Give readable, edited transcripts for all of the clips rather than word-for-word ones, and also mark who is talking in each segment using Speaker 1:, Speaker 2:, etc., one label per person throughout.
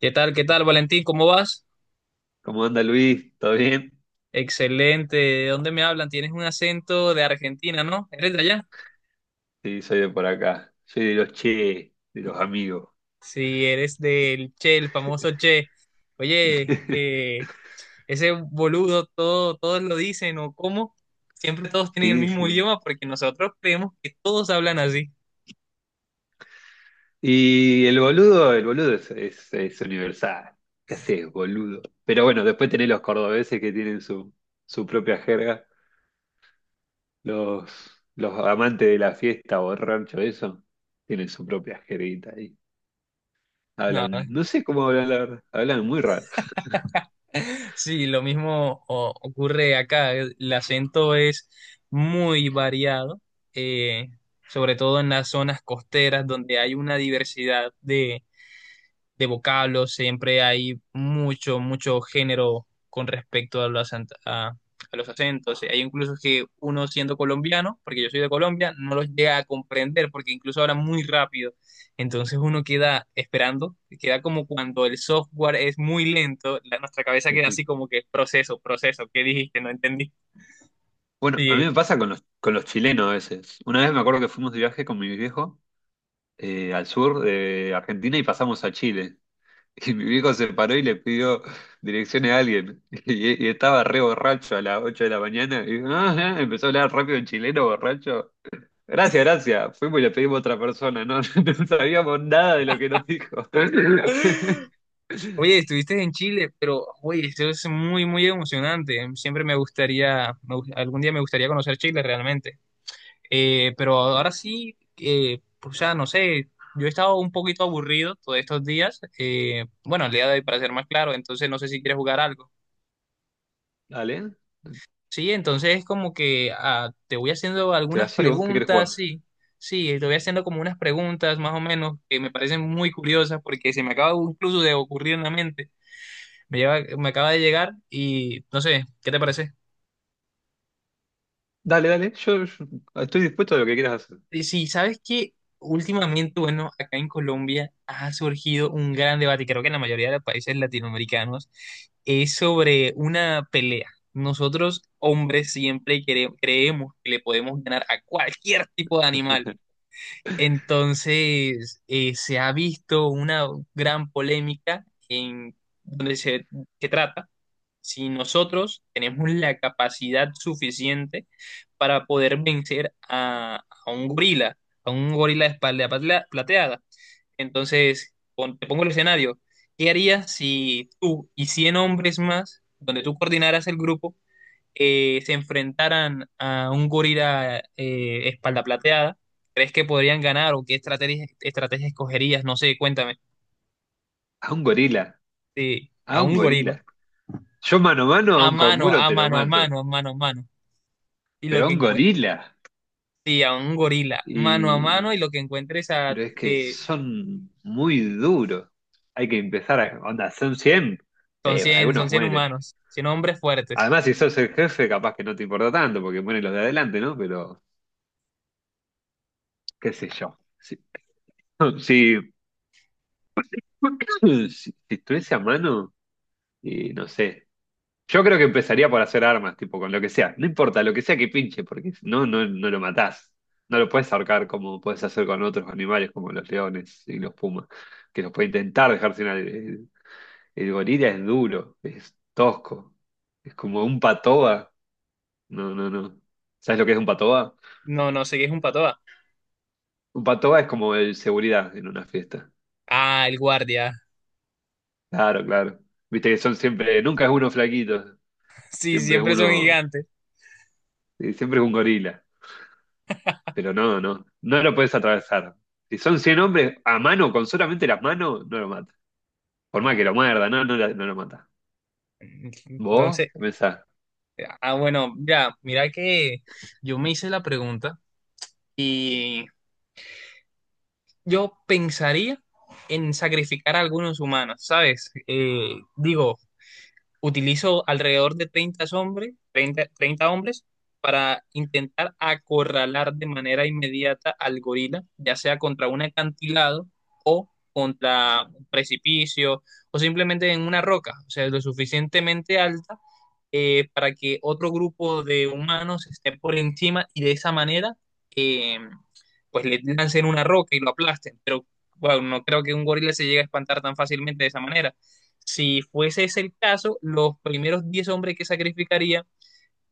Speaker 1: ¿Qué tal? ¿Qué tal, Valentín? ¿Cómo vas?
Speaker 2: ¿Cómo anda Luis? ¿Todo bien?
Speaker 1: Excelente. ¿De dónde me hablan? Tienes un acento de Argentina, ¿no? ¿Eres de allá?
Speaker 2: Sí, soy de por acá. Soy de los che, de los amigos.
Speaker 1: Sí, eres del Che, el famoso Che. Oye, ese boludo, todo, todos lo dicen, ¿o cómo? Siempre todos tienen el
Speaker 2: Sí,
Speaker 1: mismo
Speaker 2: sí.
Speaker 1: idioma porque nosotros creemos que todos hablan así.
Speaker 2: Y el boludo es universal. ¿Qué haces, boludo? Pero bueno, después tenés los cordobeses que tienen su propia jerga. Los amantes de la fiesta, borracho, eso, tienen su propia jerguita ahí.
Speaker 1: No.
Speaker 2: Hablan, no sé cómo hablan, la verdad. Hablan muy raro.
Speaker 1: Sí, lo mismo ocurre acá. El acento es muy variado, eh, sobre todo en las zonas costeras donde hay una diversidad de vocablos, siempre hay mucho, mucho género con respecto a los, a los acentos. Hay incluso que uno siendo colombiano, porque yo soy de Colombia, no los llega a comprender porque incluso hablan muy rápido. Entonces uno queda esperando, queda como cuando el software es muy lento, nuestra cabeza queda así como que proceso, proceso, ¿qué dijiste? No entendí.
Speaker 2: Bueno, a mí
Speaker 1: Sí.
Speaker 2: me pasa con los chilenos a veces. Una vez me acuerdo que fuimos de viaje con mi viejo, al sur de Argentina y pasamos a Chile. Y mi viejo se paró y le pidió direcciones a alguien. Y estaba re borracho a las 8 de la mañana. Y empezó a hablar rápido en chileno, borracho. Gracias, gracias. Fuimos y le pedimos a otra persona. No, no sabíamos nada de lo que nos dijo.
Speaker 1: Oye, estuviste en Chile, pero oye, eso es muy, muy emocionante. Siempre me gustaría, algún día me gustaría conocer Chile realmente. Pero ahora sí, o sea, no sé, yo he estado un poquito aburrido todos estos días, bueno, el día de hoy para ser más claro, entonces no sé si quieres jugar algo.
Speaker 2: Dale,
Speaker 1: Sí, entonces como que te voy haciendo
Speaker 2: te la
Speaker 1: algunas
Speaker 2: sigo. ¿Qué quieres
Speaker 1: preguntas,
Speaker 2: jugar?
Speaker 1: sí, sí, te voy haciendo como unas preguntas más o menos que me parecen muy curiosas porque se me acaba incluso de ocurrir en la mente, me lleva, me acaba de llegar y no sé, ¿qué te parece?
Speaker 2: Dale, dale. Yo estoy dispuesto a lo que quieras hacer.
Speaker 1: Sí, sabes que últimamente, bueno, acá en Colombia ha surgido un gran debate, creo que en la mayoría de los países latinoamericanos, es sobre una pelea. Nosotros, hombres, siempre creemos que le podemos ganar a cualquier tipo de animal. Entonces, se ha visto una gran polémica en donde se trata si nosotros tenemos la capacidad suficiente para poder vencer a un gorila de espalda plateada. Entonces, te pongo el escenario. ¿Qué harías si tú y 100 hombres más, donde tú coordinaras el grupo, se enfrentaran a un gorila espalda plateada? ¿Crees que podrían ganar o qué estrategia escogerías? No sé, cuéntame.
Speaker 2: A un gorila.
Speaker 1: Sí,
Speaker 2: A
Speaker 1: a
Speaker 2: un
Speaker 1: un
Speaker 2: gorila.
Speaker 1: gorila.
Speaker 2: Yo mano a mano a
Speaker 1: A
Speaker 2: un
Speaker 1: mano,
Speaker 2: canguro
Speaker 1: a
Speaker 2: te lo
Speaker 1: mano, a
Speaker 2: mato.
Speaker 1: mano, a mano, a mano. Y lo
Speaker 2: Pero a
Speaker 1: que
Speaker 2: un
Speaker 1: encuentres,
Speaker 2: gorila.
Speaker 1: sí, a un gorila, mano a mano,
Speaker 2: Y,
Speaker 1: y lo que encuentres
Speaker 2: pero es que son muy duros. Hay que empezar a. Onda, son 100.
Speaker 1: son
Speaker 2: Eh,
Speaker 1: 100
Speaker 2: algunos mueren.
Speaker 1: humanos, 100 hombres fuertes.
Speaker 2: Además, si sos el jefe, capaz que no te importa tanto, porque mueren los de adelante, ¿no? Pero, qué sé yo. Si, si, si estuviese a mano, y no sé. Yo creo que empezaría por hacer armas, tipo, con lo que sea. No importa, lo que sea que pinche, porque si no, no lo matás. No lo puedes ahorcar como puedes hacer con otros animales, como los leones y los pumas, que los puede intentar dejar sin. Eh, El gorila es duro, es tosco, es como un patoa. No, no, no. ¿Sabes lo que es un patoa?
Speaker 1: No, no sé qué es un patoa.
Speaker 2: Un patoa es como el seguridad en una fiesta.
Speaker 1: Ah, el guardia.
Speaker 2: Claro, claro. Viste que son siempre, nunca es uno flaquito,
Speaker 1: Sí,
Speaker 2: siempre es
Speaker 1: siempre son
Speaker 2: uno,
Speaker 1: gigantes.
Speaker 2: siempre es un gorila. Pero no lo puedes atravesar. Si son 100 hombres a mano, con solamente las manos, no lo mata. Por más
Speaker 1: Nah.
Speaker 2: que lo muerda, no lo mata. ¿Vos?
Speaker 1: Entonces,
Speaker 2: ¿Qué pensás?
Speaker 1: bueno, ya, mira que yo me hice la pregunta, y yo pensaría en sacrificar a algunos humanos, ¿sabes? Digo, utilizo alrededor de 30 hombres, 30 30 hombres para intentar acorralar de manera inmediata al gorila, ya sea contra un acantilado o contra un precipicio o simplemente en una roca, o sea, lo suficientemente alta, para que otro grupo de humanos esté por encima y de esa manera, eh, pues le lancen una roca y lo aplasten. Pero bueno, no creo que un gorila se llegue a espantar tan fácilmente de esa manera. Si fuese ese el caso, los primeros 10 hombres que sacrificaría,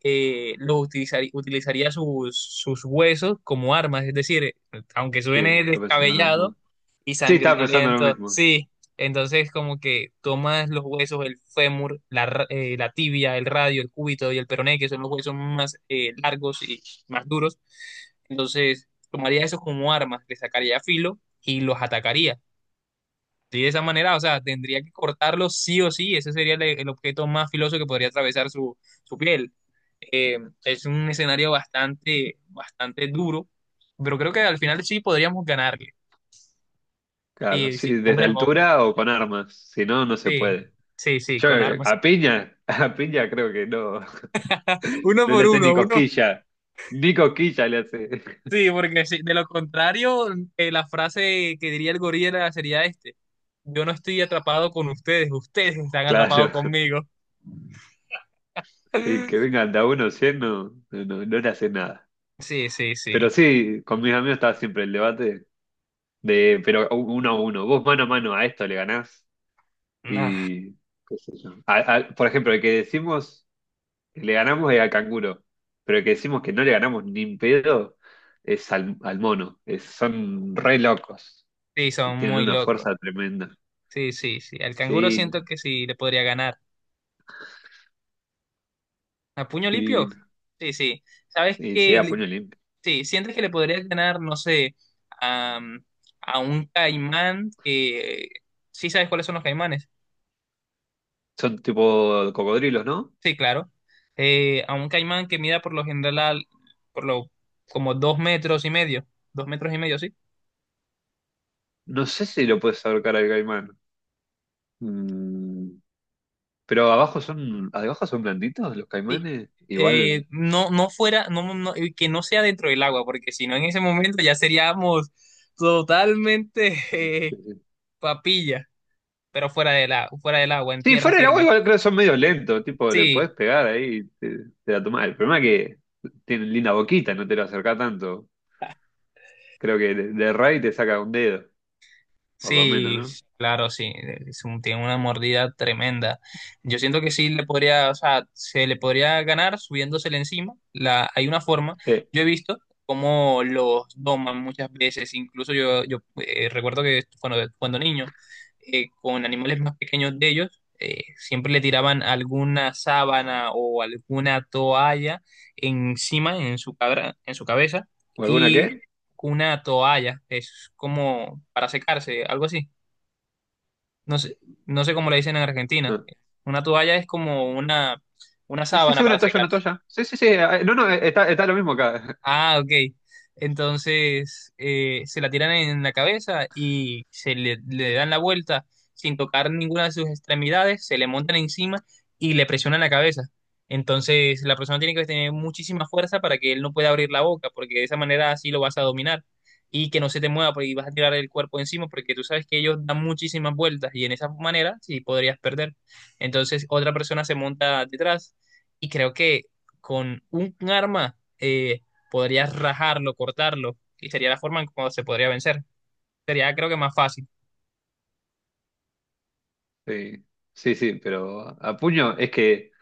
Speaker 1: los utilizaría sus huesos como armas. Es decir, aunque
Speaker 2: Sí,
Speaker 1: suene
Speaker 2: estaba pensando lo
Speaker 1: descabellado
Speaker 2: mismo.
Speaker 1: y
Speaker 2: Sí, estaba pensando lo
Speaker 1: sangrinoliento,
Speaker 2: mismo.
Speaker 1: sí. Entonces, como que tomas los huesos, el fémur, la tibia, el radio, el cúbito y el peroné, que son los huesos más largos y más duros. Entonces, tomaría esos como armas, le sacaría filo y los atacaría. Sí, de esa manera, o sea, tendría que cortarlo sí o sí, ese sería el objeto más filoso que podría atravesar su piel. Eh, es un escenario bastante, bastante duro, pero creo que al final sí podríamos ganarle.
Speaker 2: Claro,
Speaker 1: Sí,
Speaker 2: sí,
Speaker 1: sí,
Speaker 2: desde
Speaker 1: hombre, hombre.
Speaker 2: altura o con armas, si no, no se
Speaker 1: Sí,
Speaker 2: puede.
Speaker 1: sí, sí,
Speaker 2: Yo
Speaker 1: con armas.
Speaker 2: a piña, a piña creo que no,
Speaker 1: Uno
Speaker 2: no le
Speaker 1: por
Speaker 2: hace ni
Speaker 1: uno, uno.
Speaker 2: cosquilla, ni cosquilla le hace.
Speaker 1: Sí, porque sí, de lo contrario, la frase que diría el gorila sería este, yo no estoy atrapado con ustedes, ustedes están atrapados
Speaker 2: Claro,
Speaker 1: conmigo.
Speaker 2: y que vengan de a uno 100 no le hace nada.
Speaker 1: Sí, sí,
Speaker 2: Pero
Speaker 1: sí.
Speaker 2: sí, con mis amigos estaba siempre el debate de, pero uno a uno, vos mano a mano a esto le ganás
Speaker 1: Ah,
Speaker 2: y qué sé yo. Por ejemplo, el que decimos le ganamos al canguro, pero el que decimos que no le ganamos ni en pedo es al mono. Son re locos
Speaker 1: sí,
Speaker 2: y
Speaker 1: son
Speaker 2: tienen
Speaker 1: muy
Speaker 2: una
Speaker 1: locos.
Speaker 2: fuerza tremenda.
Speaker 1: Sí, sí, sí. Al canguro
Speaker 2: Sí,
Speaker 1: siento que sí le podría ganar. ¿A puño
Speaker 2: sí,
Speaker 1: limpio?
Speaker 2: divino.
Speaker 1: Sí, sí. ¿Sabes
Speaker 2: Y se
Speaker 1: qué?
Speaker 2: da puño limpio.
Speaker 1: Sí, sientes que le podrías ganar, no sé, a, mm, a un caimán que... ¿Sí sabes cuáles son los caimanes?
Speaker 2: Son tipo cocodrilos, ¿no?
Speaker 1: Sí, claro. A un caimán que mida por lo general, por lo, como 2 metros y medio. 2 metros y medio, sí.
Speaker 2: No sé si lo puedes ahorcar al caimán. Mm, pero abajo son blanditos los
Speaker 1: Sí.
Speaker 2: caimanes. Igual.
Speaker 1: No, no, y que no sea dentro del agua, porque si no en ese momento ya seríamos totalmente...
Speaker 2: Sí,
Speaker 1: eh,
Speaker 2: sí.
Speaker 1: papilla. Pero fuera del agua, en
Speaker 2: Sí,
Speaker 1: tierra
Speaker 2: fuera del agua
Speaker 1: firme.
Speaker 2: igual creo que son medio lentos. Tipo, le
Speaker 1: Sí,
Speaker 2: podés pegar ahí y te la tomás. El problema es que tienen linda boquita, no te lo acercás tanto. Creo que de Ray te saca un dedo, por lo menos,
Speaker 1: sí,
Speaker 2: ¿no?
Speaker 1: claro, sí, es tiene una mordida tremenda. Yo siento que sí le podría, o sea, se le podría ganar subiéndosele encima. Hay una forma,
Speaker 2: Sí.
Speaker 1: yo he visto cómo los doman muchas veces, incluso yo, yo recuerdo que cuando niño, con animales más pequeños de ellos, siempre le tiraban alguna sábana o alguna toalla encima, en su cabra, en su cabeza,
Speaker 2: ¿O alguna
Speaker 1: y
Speaker 2: qué?
Speaker 1: una toalla, es como para secarse, algo así. No sé, no sé cómo le dicen en Argentina.
Speaker 2: No.
Speaker 1: Una toalla es como una
Speaker 2: Sí, sí,
Speaker 1: sábana
Speaker 2: sí,
Speaker 1: para
Speaker 2: una toalla, una
Speaker 1: secarse.
Speaker 2: toalla. Sí, sí, sí. No, no, está lo mismo acá.
Speaker 1: Ah, ok. Entonces se la tiran en la cabeza y le dan la vuelta sin tocar ninguna de sus extremidades, se le montan encima y le presionan la cabeza. Entonces la persona tiene que tener muchísima fuerza para que él no pueda abrir la boca, porque de esa manera así lo vas a dominar y que no se te mueva porque vas a tirar el cuerpo encima, porque tú sabes que ellos dan muchísimas vueltas y en esa manera sí podrías perder. Entonces otra persona se monta detrás y creo que con un arma... podrías rajarlo, cortarlo, y sería la forma en cómo se podría vencer. Sería, creo que más fácil.
Speaker 2: Sí, sí, sí, pero a puño es que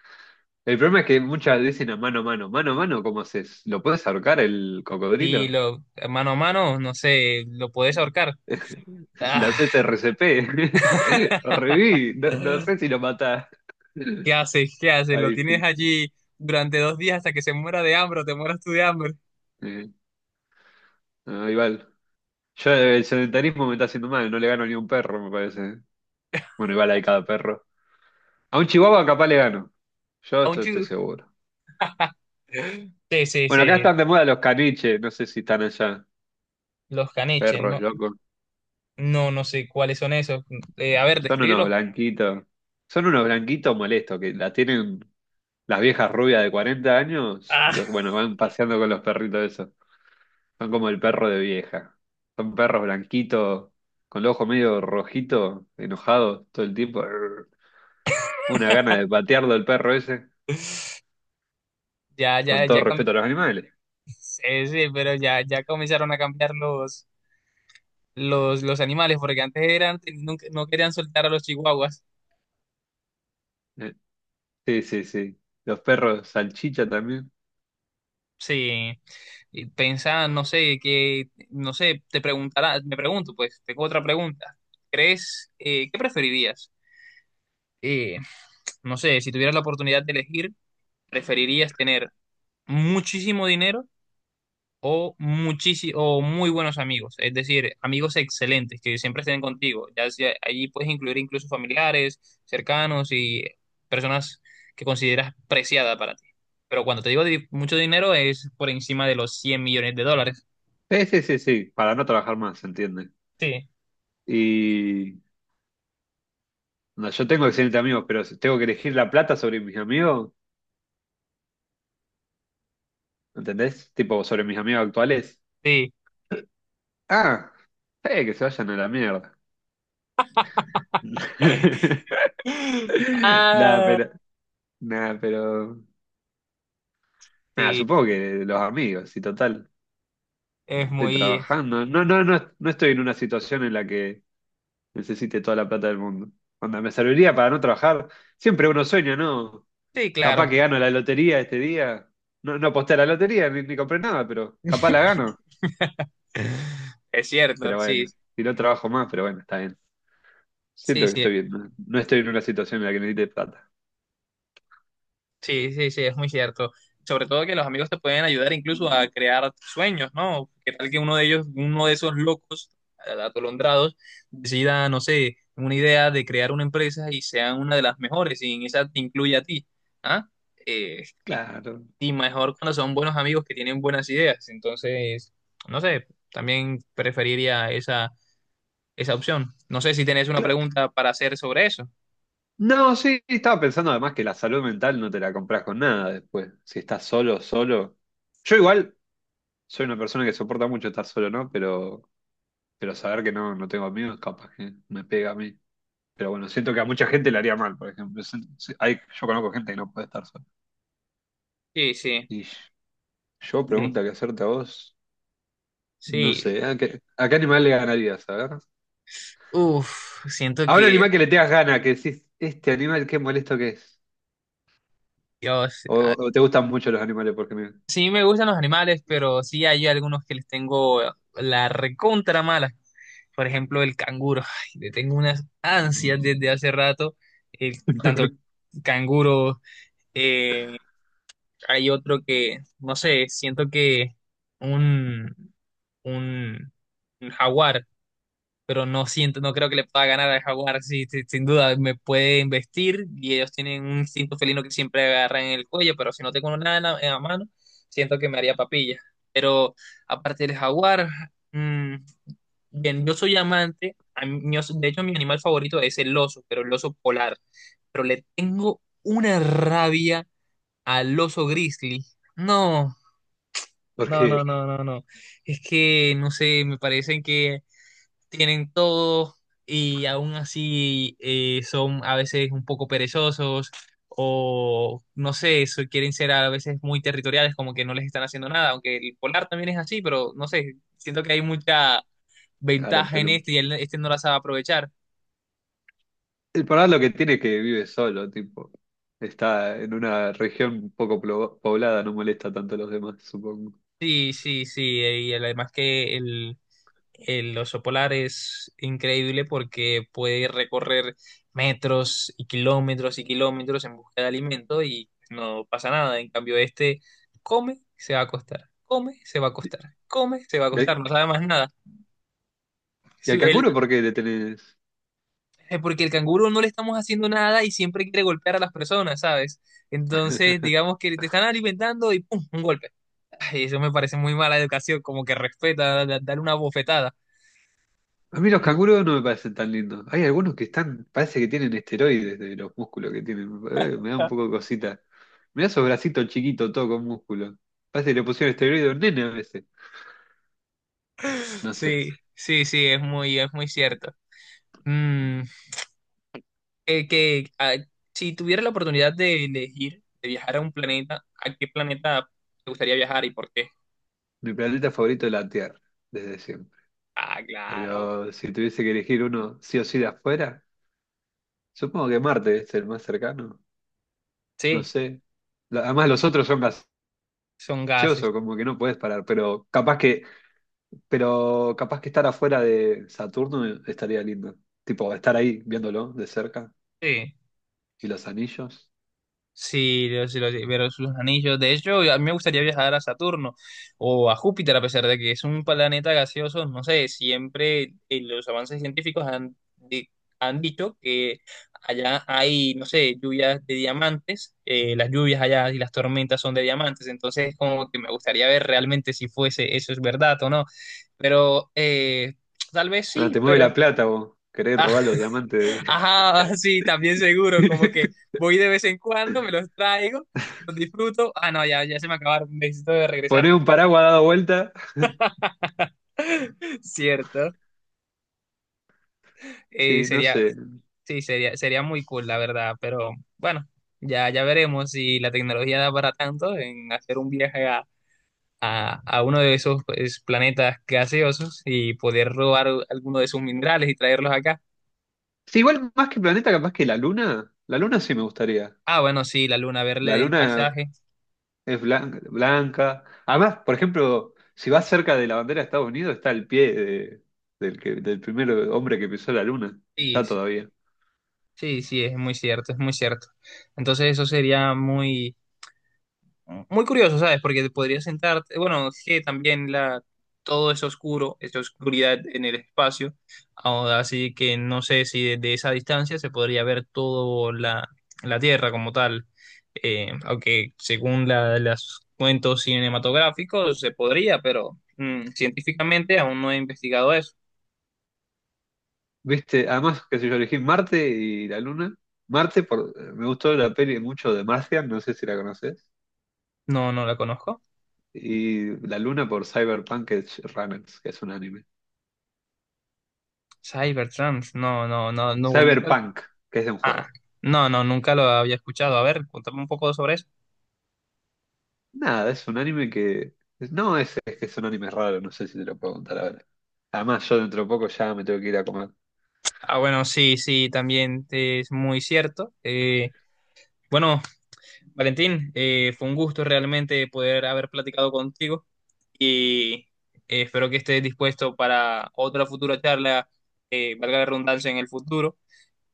Speaker 2: el problema es que muchas dicen a mano a mano. Mano a mano, ¿cómo haces? ¿Lo puedes ahorcar el
Speaker 1: Si
Speaker 2: cocodrilo?
Speaker 1: lo mano a mano, no sé, lo puedes ahorcar. Ah.
Speaker 2: Las SRCP. Lo reviví. No, no sé si lo matás.
Speaker 1: ¿Qué haces? ¿Qué haces? Lo
Speaker 2: Ahí
Speaker 1: tienes
Speaker 2: sí.
Speaker 1: allí durante 2 días hasta que se muera de hambre o te mueras tú de hambre.
Speaker 2: Eh, no, igual. Yo el sedentarismo me está haciendo mal. No le gano ni a un perro, me parece. Bueno, igual hay cada perro. A un chihuahua capaz le gano. Yo esto estoy
Speaker 1: Aunchu.
Speaker 2: seguro.
Speaker 1: Sí, sí,
Speaker 2: Bueno, acá
Speaker 1: sí.
Speaker 2: están de moda los caniches, no sé si están allá.
Speaker 1: Los caniches,
Speaker 2: Perros,
Speaker 1: no,
Speaker 2: locos.
Speaker 1: no, no sé cuáles son esos. A ver,
Speaker 2: Son unos
Speaker 1: describirlos.
Speaker 2: blanquitos. Son unos blanquitos molestos que la tienen las viejas rubias de 40 años.
Speaker 1: Ah.
Speaker 2: Bueno, van paseando con los perritos esos. Son como el perro de vieja. Son perros blanquitos, con los ojos medio rojitos, enojados todo el tiempo. Arr. Una gana de patearlo el perro ese,
Speaker 1: Ya, ya,
Speaker 2: con todo
Speaker 1: ya.
Speaker 2: respeto a los animales.
Speaker 1: Sí, sí, pero ya, ya comenzaron a cambiar los, animales, porque antes eran, no, no querían soltar a los chihuahuas.
Speaker 2: Eh, Sí, sí, sí. Los perros salchicha también.
Speaker 1: Sí, y pensaban, no sé, que, no sé, te preguntará, me pregunto, pues, tengo otra pregunta. ¿Crees, qué preferirías? Eh, no sé, si tuvieras la oportunidad de elegir, ¿preferirías tener muchísimo dinero o, o muy buenos amigos? Es decir, amigos excelentes que siempre estén contigo. Allí puedes incluir incluso familiares, cercanos y personas que consideras preciada para ti. Pero cuando te digo mucho dinero es por encima de los 100 millones de dólares.
Speaker 2: Sí, sí, sí, sí, para no trabajar más, ¿se entiende?
Speaker 1: Sí,
Speaker 2: Y no, yo tengo excelentes amigos, pero si tengo que elegir la plata sobre mis amigos, ¿entendés? Tipo, sobre mis amigos actuales.
Speaker 1: sí.
Speaker 2: Ah, que se vayan a la mierda. Nada,
Speaker 1: Ah,
Speaker 2: pero, nada, pero, nada,
Speaker 1: sí,
Speaker 2: supongo que los amigos, y total,
Speaker 1: es
Speaker 2: estoy
Speaker 1: muy...
Speaker 2: trabajando. No estoy en una situación en la que necesite toda la plata del mundo. Onda, me serviría para no trabajar. Siempre uno sueña, ¿no?
Speaker 1: Sí,
Speaker 2: Capaz
Speaker 1: claro.
Speaker 2: que gano la lotería este día. No, no aposté a la lotería, ni compré nada, pero capaz la gano.
Speaker 1: Es cierto,
Speaker 2: Pero
Speaker 1: sí,
Speaker 2: bueno, si no trabajo más, pero bueno, está bien. Siento
Speaker 1: sí,
Speaker 2: que
Speaker 1: sí.
Speaker 2: estoy bien, no estoy en una situación en la que necesite plata.
Speaker 1: Sí, sí, sí, es muy cierto. Sobre todo que los amigos te pueden ayudar incluso a crear sueños, ¿no? ¿Qué tal que uno de ellos, uno de esos locos, atolondrados, decida, no sé, una idea de crear una empresa y sea una de las mejores y en esa te incluye a ti? ¿Ah? Eh, y,
Speaker 2: Claro,
Speaker 1: y mejor cuando son buenos amigos que tienen buenas ideas. Entonces, no sé, también preferiría esa, esa opción. No sé si tenés una
Speaker 2: claro.
Speaker 1: pregunta para hacer sobre eso.
Speaker 2: No, sí, estaba pensando además que la salud mental no te la compras con nada después. Si estás solo, solo. Yo igual soy una persona que soporta mucho estar solo, ¿no? Pero saber que no tengo amigos, capaz que me pega a mí. Pero bueno, siento que a mucha gente le haría mal, por ejemplo. Hay, yo conozco gente que no puede estar sola.
Speaker 1: Sí, sí.
Speaker 2: Y yo
Speaker 1: Sí.
Speaker 2: pregunta que hacerte a vos, no
Speaker 1: Sí.
Speaker 2: sé, ¿a qué animal le ganarías? A ver.
Speaker 1: Uf, siento
Speaker 2: A un
Speaker 1: que
Speaker 2: animal que le tengas gana, que decís, este animal qué molesto que es.
Speaker 1: Dios.
Speaker 2: O,
Speaker 1: Ah,
Speaker 2: o te gustan mucho los animales porque me.
Speaker 1: sí me gustan los animales, pero sí hay algunos que les tengo la recontra mala. Por ejemplo, el canguro. Ay, le tengo unas ansias desde hace rato. El, tanto canguro, eh, hay otro que, no sé, siento que un, un, un jaguar. Pero no siento, no creo que le pueda ganar al jaguar, sí, sí, sin duda, me puede investir y ellos tienen un instinto felino que siempre agarran en el cuello, pero si no tengo nada en la mano, siento que me haría papilla. Pero aparte del jaguar, mm, bien, yo soy amante, a mí- yo- so, de hecho mi animal favorito es el oso, pero el oso polar, pero le tengo una rabia al oso grizzly. No, no, no,
Speaker 2: Porque,
Speaker 1: no, no, no. Es que, no sé, me parecen que tienen todo y aún así, son a veces un poco perezosos o no sé, quieren ser a veces muy territoriales, como que no les están haciendo nada, aunque el polar también es así, pero no sé, siento que hay mucha
Speaker 2: claro,
Speaker 1: ventaja en
Speaker 2: pero
Speaker 1: este y este no la sabe aprovechar.
Speaker 2: el problema lo que tiene es que vive solo, tipo. Está en una región poco poblada, no molesta tanto a los demás, supongo.
Speaker 1: Sí, sí, sí, y además que el oso polar es increíble porque puede recorrer metros y kilómetros en busca de alimento y no pasa nada. En cambio, este come, se va a acostar, come, se va a acostar, come, se va a
Speaker 2: ¿Y al,
Speaker 1: acostar, no sabe más nada.
Speaker 2: y al
Speaker 1: Su- el-
Speaker 2: canguro por qué le tenés?
Speaker 1: porque el canguro no le estamos haciendo nada y siempre quiere golpear a las personas, ¿sabes? Entonces, digamos que te están alimentando y ¡pum! Un golpe. Ay, eso me parece muy mala educación, como que respeta, dar una bofetada.
Speaker 2: A mí los canguros no me parecen tan lindos. Hay algunos que están, parece que tienen esteroides de los músculos que tienen. Me da un poco de cosita. Mirá esos bracitos chiquitos, todo con músculo. Parece que le pusieron esteroides a un nene a veces. No sé.
Speaker 1: Sí, sí, sí, es muy cierto. Mm, eh, que ah, si tuviera la oportunidad de elegir, de viajar a un planeta, ¿a qué planeta te gustaría viajar y por qué?
Speaker 2: Mi planeta favorito es la Tierra, desde siempre.
Speaker 1: Ah, claro.
Speaker 2: Pero si tuviese que elegir uno sí o sí de afuera, supongo que Marte es el más cercano. No
Speaker 1: Sí,
Speaker 2: sé. Además, los otros son
Speaker 1: son gases.
Speaker 2: gaseosos, como que no puedes parar. Pero capaz que estar afuera de Saturno estaría lindo. Tipo, estar ahí viéndolo de cerca
Speaker 1: Sí.
Speaker 2: y los anillos.
Speaker 1: Sí, yo sí lo sé, pero sus anillos. De hecho, a mí me gustaría viajar a Saturno o a Júpiter, a pesar de que es un planeta gaseoso. No sé, siempre los avances científicos han, han dicho que allá hay, no sé, lluvias de diamantes. Las lluvias allá y las tormentas son de diamantes. Entonces, como que me gustaría ver realmente si fuese eso es verdad o no. Pero tal vez
Speaker 2: Ah,
Speaker 1: sí,
Speaker 2: te mueve
Speaker 1: pero.
Speaker 2: la plata vos. Querés
Speaker 1: Ah,
Speaker 2: robar los diamantes.
Speaker 1: ajá, sí, también seguro, como que voy de vez en cuando, me los traigo, los disfruto. Ah, no, ya, ya se me acabaron, necesito de
Speaker 2: Poner
Speaker 1: regresarme.
Speaker 2: un paraguas dado vuelta.
Speaker 1: Cierto. Eh,
Speaker 2: Sí, no
Speaker 1: sería,
Speaker 2: sé.
Speaker 1: sí, sería, sería muy cool, la verdad, pero bueno, ya, ya veremos si la tecnología da para tanto en hacer un viaje a uno de esos pues, planetas gaseosos y poder robar alguno de sus minerales y traerlos acá.
Speaker 2: Sí, igual más que planeta, capaz que la luna. La luna sí me gustaría.
Speaker 1: Ah, bueno, sí, la luna,
Speaker 2: La
Speaker 1: verle el
Speaker 2: luna
Speaker 1: paisaje.
Speaker 2: es blanca. Además, por ejemplo, si vas cerca de la bandera de Estados Unidos, está el pie del primer hombre que pisó la luna.
Speaker 1: Sí,
Speaker 2: Está
Speaker 1: sí.
Speaker 2: todavía.
Speaker 1: Sí, sí, es muy cierto, es muy cierto. Entonces eso sería muy, muy curioso, ¿sabes? Porque te podrías sentarte, bueno, es que también la, todo es oscuro, esa oscuridad en el espacio, ahora así que no sé si desde esa distancia se podría ver toda la Tierra como tal. Aunque según los cuentos cinematográficos se podría, pero científicamente aún no he investigado eso.
Speaker 2: Viste, además, qué sé yo, elegí Marte y la Luna. Marte, me gustó la peli mucho de Martian, no sé si la conoces.
Speaker 1: No, no la conozco.
Speaker 2: Y la Luna por Cyberpunk Edge Runners, que es un anime.
Speaker 1: Cybertrans, no, no, no, no, nunca.
Speaker 2: Cyberpunk, que es de un
Speaker 1: Ah,
Speaker 2: juego.
Speaker 1: no, no, nunca lo había escuchado. A ver, cuéntame un poco sobre eso.
Speaker 2: Nada, es un anime que. No, es que son animes raros, no sé si te lo puedo contar ahora. Además, yo dentro de poco ya me tengo que ir a comer.
Speaker 1: Ah, bueno, sí, sí, también es muy cierto. Bueno, Valentín, fue un gusto realmente poder haber platicado contigo y espero que estés dispuesto para otra futura charla, valga la redundancia, en el futuro.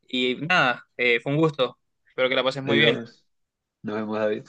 Speaker 1: Y nada, fue un gusto. Espero que la pases muy bien.
Speaker 2: Adiós. Nos vemos, David.